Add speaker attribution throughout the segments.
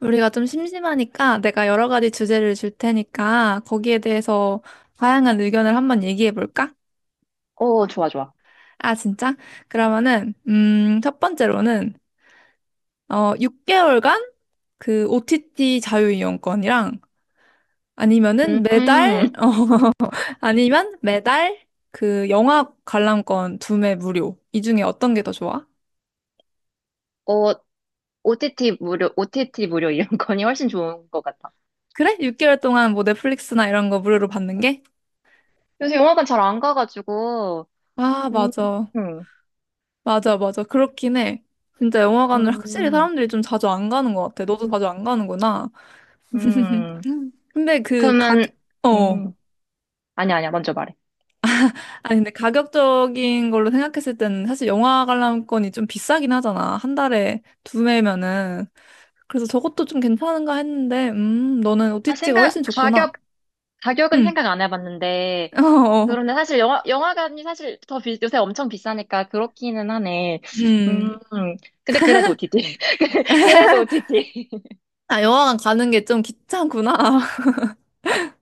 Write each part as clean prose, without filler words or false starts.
Speaker 1: 우리가 좀 심심하니까 내가 여러 가지 주제를 줄 테니까 거기에 대해서 다양한 의견을 한번 얘기해 볼까?
Speaker 2: 어, 좋아, 좋아.
Speaker 1: 아, 진짜? 그러면은, 첫 번째로는, 6개월간 그 OTT 자유이용권이랑 아니면은 매달,
Speaker 2: 음,
Speaker 1: 어, 아니면 매달 그 영화 관람권 2매 무료. 이 중에 어떤 게 더 좋아?
Speaker 2: 어, OTT 무료, OTT 무료 이런 거니 훨씬 좋은 것 같아.
Speaker 1: 그래? 6개월 동안 뭐 넷플릭스나 이런 거 무료로 받는 게?
Speaker 2: 요새 영화관 잘 안 가가지고.
Speaker 1: 아,
Speaker 2: 음,
Speaker 1: 맞아.
Speaker 2: 음,
Speaker 1: 맞아, 맞아. 그렇긴 해. 진짜 영화관을 확실히
Speaker 2: 음,
Speaker 1: 사람들이 좀 자주 안 가는 것 같아. 너도 자주 안 가는구나.
Speaker 2: 음.
Speaker 1: 음. 근데 그
Speaker 2: 그러면,
Speaker 1: 가격, 어.
Speaker 2: 음, 아니야, 아니야, 먼저 말해.
Speaker 1: 아니, 근데 가격적인 걸로 생각했을 때는 사실 영화 관람권이 좀 비싸긴 하잖아. 한 달에 두 매면은. 그래서 저것도 좀 괜찮은가 했는데, 너는
Speaker 2: 아,
Speaker 1: OTT가
Speaker 2: 생각,
Speaker 1: 훨씬 좋구나.
Speaker 2: 가격, 가격은
Speaker 1: 응,
Speaker 2: 생각 안 해봤는데,
Speaker 1: 어, 어.
Speaker 2: 그런데 사실 영화관이 사실 요새 엄청 비싸니까 그렇기는 하네. 음,
Speaker 1: 음.
Speaker 2: 근데 그래도 OTT. 그래도 OTT.
Speaker 1: 아, 영화관 가는 게 좀 귀찮구나.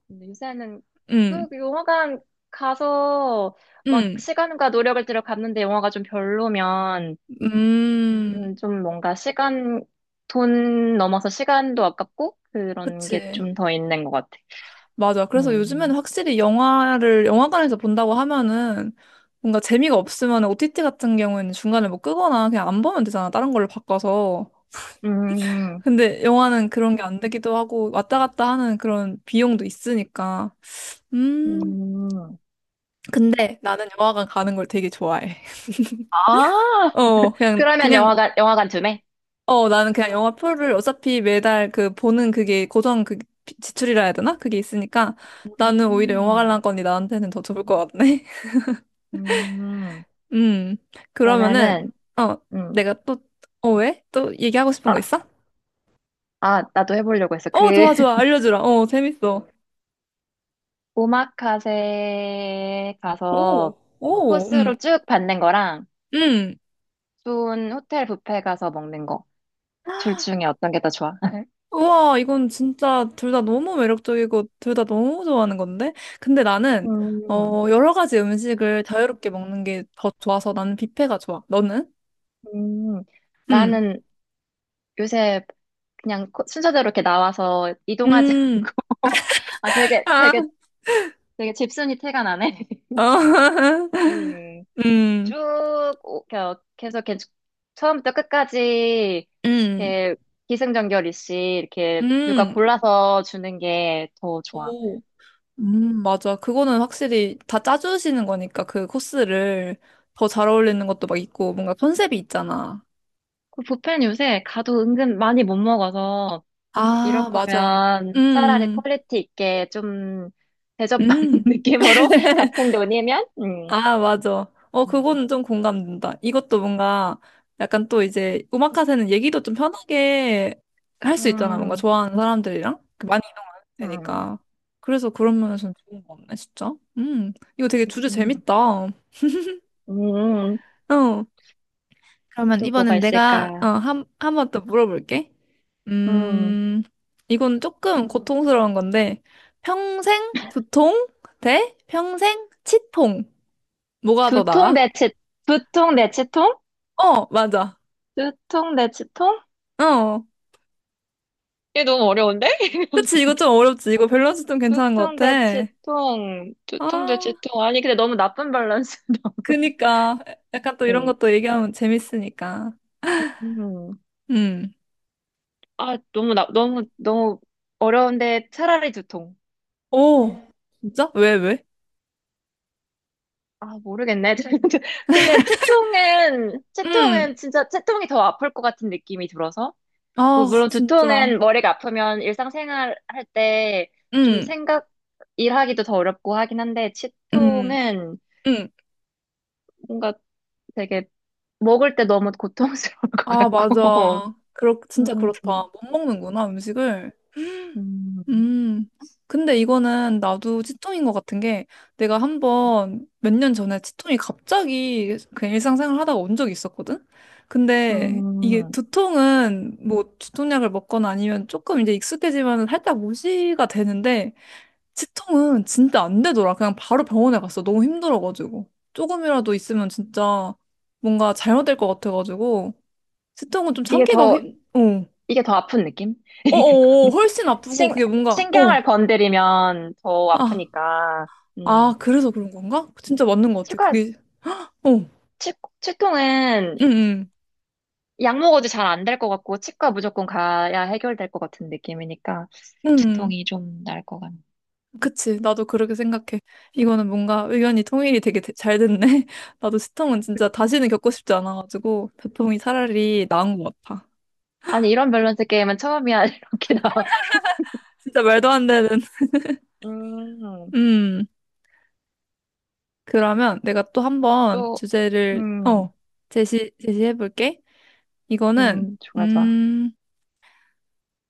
Speaker 2: 근데 요새는
Speaker 1: 응,
Speaker 2: 그 영화관 가서 막
Speaker 1: 응,
Speaker 2: 시간과 노력을 들여 갔는데 영화가 좀 별로면
Speaker 1: 음. 음.
Speaker 2: 좀 뭔가 돈 넘어서 시간도 아깝고 그런 게
Speaker 1: 그치.
Speaker 2: 좀 더 있는 것 같아.
Speaker 1: 맞아. 그래서 요즘에는
Speaker 2: 음,
Speaker 1: 확실히 영화를 영화관에서 본다고 하면은 뭔가 재미가 없으면 OTT 같은 경우에는 중간에 뭐 끄거나 그냥 안 보면 되잖아. 다른 걸로 바꿔서.
Speaker 2: 음,
Speaker 1: 근데 영화는 그런 게 안 되기도 하고 왔다 갔다 하는 그런 비용도 있으니까. 음.
Speaker 2: 음.
Speaker 1: 근데 나는 영화관 가는 걸 되게 좋아해.
Speaker 2: 아,
Speaker 1: 그냥
Speaker 2: 그러면
Speaker 1: 그냥
Speaker 2: 영화관 쯤에?
Speaker 1: 나는 그냥 영화 표를 어차피 매달 그 보는 그게 고정 그 지출이라 해야 되나? 그게 있으니까 나는 오히려 영화
Speaker 2: 음,
Speaker 1: 관람권이 나한테는 더 좋을 것 같네.
Speaker 2: 음,
Speaker 1: 음, 그러면은,
Speaker 2: 그러면은,
Speaker 1: 어,
Speaker 2: 음,
Speaker 1: 내가 또, 왜? 또 얘기하고 싶은
Speaker 2: 아,
Speaker 1: 거 있어?
Speaker 2: 아, 나도 해보려고 했어.
Speaker 1: 어, 좋아, 좋아. 알려주라. 어, 재밌어.
Speaker 2: 오마카세
Speaker 1: 오,
Speaker 2: 가서
Speaker 1: 오,
Speaker 2: 코스로 쭉 받는 거랑
Speaker 1: 음.
Speaker 2: 좋은 호텔 뷔페 가서 먹는 거. 둘 중에 어떤 게 더 좋아?
Speaker 1: 우와, 이건 진짜 둘 다 너무 매력적이고 둘 다 너무 좋아하는 건데? 근데 나는,
Speaker 2: 음,
Speaker 1: 여러 가지 음식을 자유롭게 먹는 게 더 좋아서 나는 뷔페가 좋아. 너는?
Speaker 2: 음.
Speaker 1: 음,
Speaker 2: 나는 요새 그냥 순서대로 이렇게 나와서 이동하지 않고.
Speaker 1: 음,
Speaker 2: 아,
Speaker 1: 아,
Speaker 2: 되게 집순이 티가 나네.
Speaker 1: 어,
Speaker 2: 음.
Speaker 1: 음,
Speaker 2: 쭉, 계속 이렇게 처음부터 끝까지
Speaker 1: 음,
Speaker 2: 이렇게 기승전결 이씨 이렇게 누가
Speaker 1: 음,
Speaker 2: 골라서 주는 게 더 좋아.
Speaker 1: 오. 맞아. 그거는 확실히 다 짜주시는 거니까 그 코스를 더 잘 어울리는 것도 막 있고 뭔가 컨셉이 있잖아.
Speaker 2: 그 뷔페는 요새 가도 은근 많이 못 먹어서 이럴
Speaker 1: 아, 맞아.
Speaker 2: 거면 차라리
Speaker 1: 음,
Speaker 2: 퀄리티 있게 좀
Speaker 1: 음.
Speaker 2: 대접받는
Speaker 1: 음.
Speaker 2: 느낌으로 같은 돈이면.
Speaker 1: 아, 맞아.
Speaker 2: 음.
Speaker 1: 그거는 좀 공감된다. 이것도 뭔가 약간 또 이제 음악 카세는 얘기도 좀 편하게 할 수 있잖아. 뭔가
Speaker 2: 음,
Speaker 1: 좋아하는 사람들이랑 그 많이 이동하면
Speaker 2: 음,
Speaker 1: 되니까. 그래서 그런 면에서는 좋은 거 같네, 진짜. 이거 되게 주제
Speaker 2: 음,
Speaker 1: 재밌다. 어.
Speaker 2: 음.
Speaker 1: 그러면
Speaker 2: 또 뭐가
Speaker 1: 이번엔 내가
Speaker 2: 있을까?
Speaker 1: 한 번 더 물어볼게.
Speaker 2: 음,
Speaker 1: 음, 이건 조금 고통스러운 건데, 평생 두통 대 평생 치통. 뭐가 더
Speaker 2: 두통
Speaker 1: 나아?
Speaker 2: 대체 두통 대체통?
Speaker 1: 어, 맞아.
Speaker 2: 두통 대체통?
Speaker 1: 어.
Speaker 2: 이게 너무 어려운데?
Speaker 1: 그치, 이거 좀 어렵지. 이거 밸런스 좀 괜찮은 것
Speaker 2: 두통
Speaker 1: 같아.
Speaker 2: 대체통, 두통
Speaker 1: 아,
Speaker 2: 대체통. 아니 근데 너무 나쁜 밸런스.
Speaker 1: 그니까. 약간 또 이런 것도 얘기하면 재밌으니까.
Speaker 2: 음.
Speaker 1: 음.
Speaker 2: 아, 너무 어려운데 차라리 두통.
Speaker 1: 오, 진짜? 왜, 왜?
Speaker 2: 아, 모르겠네. 근데
Speaker 1: 음.
Speaker 2: 채통은 진짜 채통이 더 아플 것 같은 느낌이 들어서. 뭐,
Speaker 1: 아,
Speaker 2: 물론
Speaker 1: 진짜.
Speaker 2: 두통은 머리가 아프면 일상생활 할 때 좀
Speaker 1: 음,
Speaker 2: 일하기도 더 어렵고 하긴 한데, 치통
Speaker 1: 음,
Speaker 2: 은
Speaker 1: 음.
Speaker 2: 뭔가 되게 먹을 때 너무 고통스러울 것
Speaker 1: 아,
Speaker 2: 같고.
Speaker 1: 맞아. 진짜
Speaker 2: 음,
Speaker 1: 그렇다.
Speaker 2: 음,
Speaker 1: 못 먹는구나, 음식을. 음, 근데 이거는 나도 치통인 것 같은 게 내가 한번 몇 년 전에 치통이 갑자기 그냥 일상생활 하다가 온 적이 있었거든? 근데 이게
Speaker 2: 음.
Speaker 1: 두통은 뭐 두통약을 먹거나 아니면 조금 이제 익숙해지면 살짝 무시가 되는데 치통은 진짜 안 되더라. 그냥 바로 병원에 갔어. 너무 힘들어가지고. 조금이라도 있으면 진짜 뭔가 잘못될 것 같아가지고 치통은 좀
Speaker 2: 이게
Speaker 1: 참기가
Speaker 2: 더,
Speaker 1: 힘.
Speaker 2: 이게 더 아픈 느낌?
Speaker 1: 어어어, 훨씬 아프고
Speaker 2: 신,
Speaker 1: 그게 뭔가,
Speaker 2: 신경을
Speaker 1: 어.
Speaker 2: 건드리면 더
Speaker 1: 아,
Speaker 2: 아프니까.
Speaker 1: 아,
Speaker 2: 음,
Speaker 1: 그래서 그런 건가? 진짜 맞는 것 같아.
Speaker 2: 치과,
Speaker 1: 그게, 응,
Speaker 2: 치, 치통은
Speaker 1: 응,
Speaker 2: 약 먹어도 잘 안될 것 같고, 치과 무조건 가야 해결될 것 같은 느낌이니까,
Speaker 1: 응. 응.
Speaker 2: 치통이 좀 날 것 같네.
Speaker 1: 그치. 나도 그렇게 생각해. 이거는 뭔가 의견이 통일이 되게 잘 됐네. 나도 시통은 진짜 다시는 겪고 싶지 않아가지고, 두통이 차라리 나은 것 같아.
Speaker 2: 아니, 이런 밸런스 게임은 처음이야, 이렇게 나와.
Speaker 1: 진짜 말도 안 되는.
Speaker 2: 음,
Speaker 1: 음, 그러면 내가 또 한번
Speaker 2: 또,
Speaker 1: 주제를,
Speaker 2: 음,
Speaker 1: 제시해볼게. 이거는,
Speaker 2: 좋아, 좋아.
Speaker 1: 음,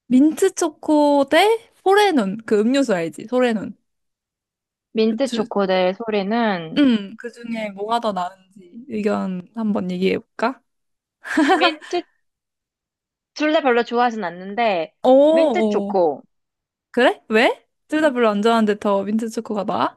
Speaker 1: 민트 초코 대 포레눈. 그 음료수 알지? 소레눈. 그
Speaker 2: 민트
Speaker 1: 주,
Speaker 2: 초코 대 소리는.
Speaker 1: 그 중에 뭐가 더 나은지 의견 한번 얘기해 볼까?
Speaker 2: 민트, 둘 다 별로 좋아하진 않는데, 민트
Speaker 1: 오오,
Speaker 2: 초코.
Speaker 1: 그래? 왜? 둘 다 별로 안 좋아하는데 더 민트 초코가 나아?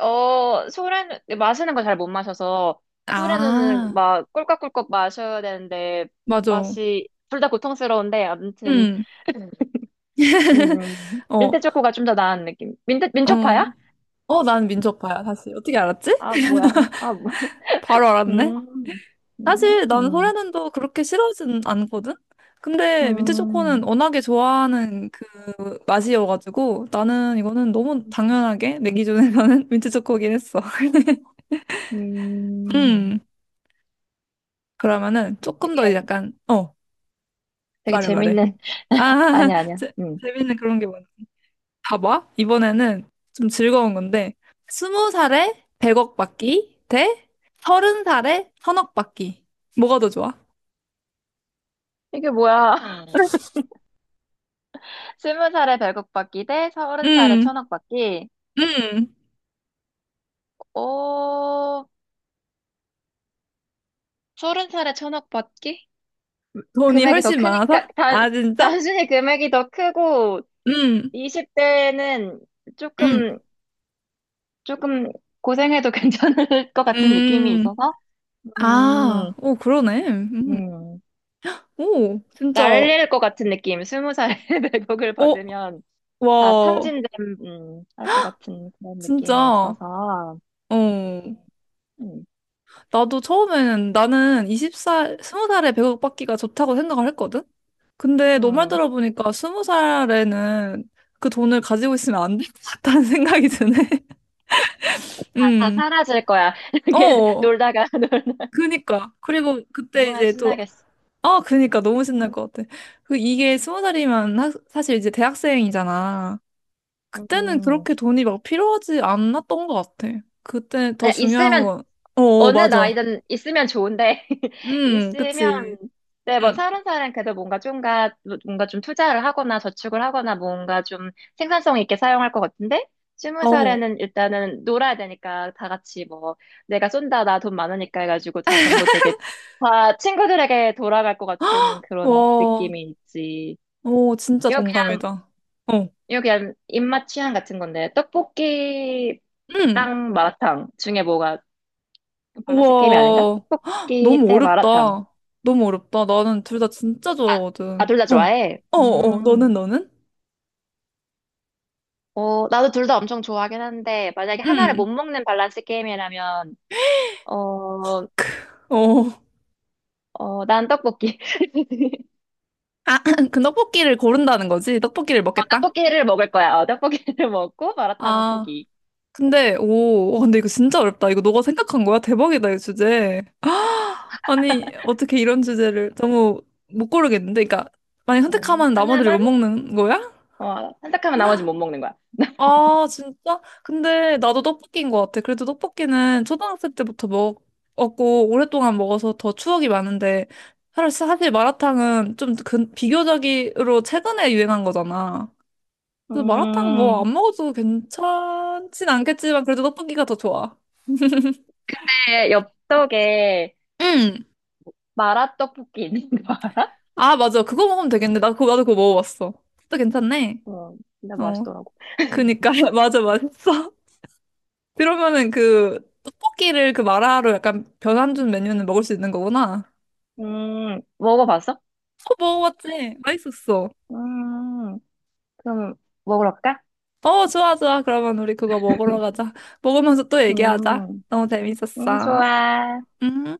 Speaker 2: 어, 소래는 마시는 걸 잘 못 마셔서, 소래는
Speaker 1: 아,
Speaker 2: 막 꿀꺽꿀꺽 마셔야 되는데,
Speaker 1: 맞아.
Speaker 2: 둘 다 고통스러운데, 아무튼.
Speaker 1: 음, 어,
Speaker 2: 민트 초코가 좀 더 나은 느낌.
Speaker 1: 어,
Speaker 2: 민초파야?
Speaker 1: 어, 난 민초파야, 사실. 어떻게 알았지?
Speaker 2: 아, 뭐야. 아, 뭐.
Speaker 1: 바로 알았네.
Speaker 2: 음, 음,
Speaker 1: 사실 난
Speaker 2: 음,
Speaker 1: 소래는도 그렇게 싫어하진 않거든? 근데 민트초코는
Speaker 2: 음,
Speaker 1: 워낙에 좋아하는 그 맛이어가지고 나는 이거는 너무 당연하게 내 기준에서는 민트초코긴 했어.
Speaker 2: 음.
Speaker 1: 그러면은 조금 더 약간
Speaker 2: 되게
Speaker 1: 말해 말해.
Speaker 2: 재밌는,
Speaker 1: 아,
Speaker 2: 아니, 야 아니야. 아니야.
Speaker 1: 재,
Speaker 2: 음.
Speaker 1: 재밌는 그런 게 많아. 봐봐, 이번에는 좀 즐거운 건데 20살에 100억 받기 대 30살에 1,000억 받기, 뭐가 더 좋아?
Speaker 2: 이게 뭐야. 20살에 100억 받기 대 30살에
Speaker 1: 음,
Speaker 2: 1000억 받기.
Speaker 1: 음.
Speaker 2: 오, 30살에 천억 받기?
Speaker 1: 돈이
Speaker 2: 금액이 더
Speaker 1: 훨씬 많아서?
Speaker 2: 크니까,
Speaker 1: 아, 진짜?
Speaker 2: 단순히 금액이 더 크고,
Speaker 1: 음,
Speaker 2: 20대는
Speaker 1: 음,
Speaker 2: 조금, 조금 고생해도 괜찮을 것 같은 느낌이
Speaker 1: 음.
Speaker 2: 있어서. 음,
Speaker 1: 아, 오, 그러네. 음.
Speaker 2: 음.
Speaker 1: 오, 진짜.
Speaker 2: 날릴 것 같은 느낌. 20살에 1억을
Speaker 1: 오,
Speaker 2: 받으면 다
Speaker 1: 와,
Speaker 2: 탕진됨. 할것 같은 그런 느낌이
Speaker 1: 진짜.
Speaker 2: 있어서.
Speaker 1: 어.
Speaker 2: 음,
Speaker 1: 나도 처음에는 나는 20살에 100억 받기가 좋다고 생각을 했거든? 근데 너 말
Speaker 2: 음.
Speaker 1: 들어보니까 20살에는 그 돈을 가지고 있으면 안 될 것 같다는 생각이 드네.
Speaker 2: 다
Speaker 1: 음,
Speaker 2: 사라질 거야. 이렇게
Speaker 1: 어,
Speaker 2: 놀다가, 놀-
Speaker 1: 그니까. 그리고 그때
Speaker 2: 얼마나
Speaker 1: 이제 또,
Speaker 2: 신나겠어.
Speaker 1: 아, 그니까 너무 신날 것 같아. 그 이게 20살이면 사실 이제 대학생이잖아. 그때는
Speaker 2: 음.
Speaker 1: 그렇게 돈이 막 필요하지 않았던 것 같아. 그때 더
Speaker 2: 아,
Speaker 1: 중요한
Speaker 2: 있으면
Speaker 1: 건, 어,
Speaker 2: 어느
Speaker 1: 맞아.
Speaker 2: 나이든 있으면 좋은데, 있으면.
Speaker 1: 그치.
Speaker 2: 네, 뭐,
Speaker 1: 응.
Speaker 2: 30살은 그래도 뭔가 좀 투자를 하거나 저축을 하거나 뭔가 좀 생산성 있게 사용할 것 같은데, 스무
Speaker 1: 어.
Speaker 2: 살에는 일단은 놀아야 되니까 다 같이 뭐, 내가 쏜다, 나 돈 많으니까 해가지고 다 전부 되게 다 친구들에게 돌아갈 것 같은 그런
Speaker 1: 와,
Speaker 2: 느낌이 있지.
Speaker 1: 오, 진짜
Speaker 2: 이거 그냥,
Speaker 1: 동감이다. 어.
Speaker 2: 이거 그냥 입맛 취향 같은 건데,
Speaker 1: 응.
Speaker 2: 떡볶이랑 마라탕 중에 뭐가 밸런스 게임이 아닌가?
Speaker 1: 우와.
Speaker 2: 떡볶이
Speaker 1: 너무
Speaker 2: 대 마라탕.
Speaker 1: 어렵다. 너무 어렵다. 나는 둘 다 진짜
Speaker 2: 아,
Speaker 1: 좋아하거든.
Speaker 2: 둘 다
Speaker 1: 어.
Speaker 2: 좋아해?
Speaker 1: 어, 어. 너는,
Speaker 2: 음.
Speaker 1: 너는?
Speaker 2: 어, 나도 둘 다 엄청 좋아하긴 한데, 만약에 하나를 못
Speaker 1: 응.
Speaker 2: 먹는 밸런스 게임이라면, 어,
Speaker 1: 어.
Speaker 2: 난 떡볶이.
Speaker 1: 아, 그 떡볶이를 고른다는 거지? 떡볶이를 먹겠다?
Speaker 2: 떡볶이를 먹을 거야. 떡볶이를 먹고 마라탕을
Speaker 1: 아.
Speaker 2: 포기.
Speaker 1: 근데, 오. 와, 근데 이거 진짜 어렵다. 이거 너가 생각한 거야? 대박이다, 이 주제. 아니, 어떻게 이런 주제를. 너무 못 고르겠는데? 그러니까, 만약
Speaker 2: 음,
Speaker 1: 선택하면 나머지를 못
Speaker 2: 하나만,
Speaker 1: 먹는 거야?
Speaker 2: 선택하면 나머지 못 먹는 거야.
Speaker 1: 아, 진짜? 근데 나도 떡볶이인 것 같아. 그래도 떡볶이는 초등학생 때부터 먹었고, 오랫동안 먹어서 더 추억이 많은데, 사실 마라탕은 좀 비교적으로 최근에 유행한 거잖아. 그래서 마라탕 뭐
Speaker 2: 음.
Speaker 1: 안 먹어도 괜찮진 않겠지만, 그래도 떡볶이가 더 좋아.
Speaker 2: 내 엽떡에
Speaker 1: 응!
Speaker 2: 마라떡볶이 있는 거 알아?
Speaker 1: 아, 맞아. 그거 먹으면 되겠네. 나도 그거 먹어봤어. 또 괜찮네.
Speaker 2: 어, 진짜
Speaker 1: 어.
Speaker 2: 맛있더라고.
Speaker 1: 그니까. 맞아, 맛있어. 그러면은 그, 떡볶이를 그 마라로 약간 변환 준 메뉴는 먹을 수 있는 거구나.
Speaker 2: 먹어봤어?
Speaker 1: 어, 먹어봤지? 맛있었어.
Speaker 2: 음. 그럼 먹으러 갈까?
Speaker 1: 어, 좋아, 좋아. 그러면 우리 그거 먹으러 가자. 먹으면서 또 얘기하자.
Speaker 2: 음,
Speaker 1: 너무 재밌었어.
Speaker 2: 좋아.
Speaker 1: 음.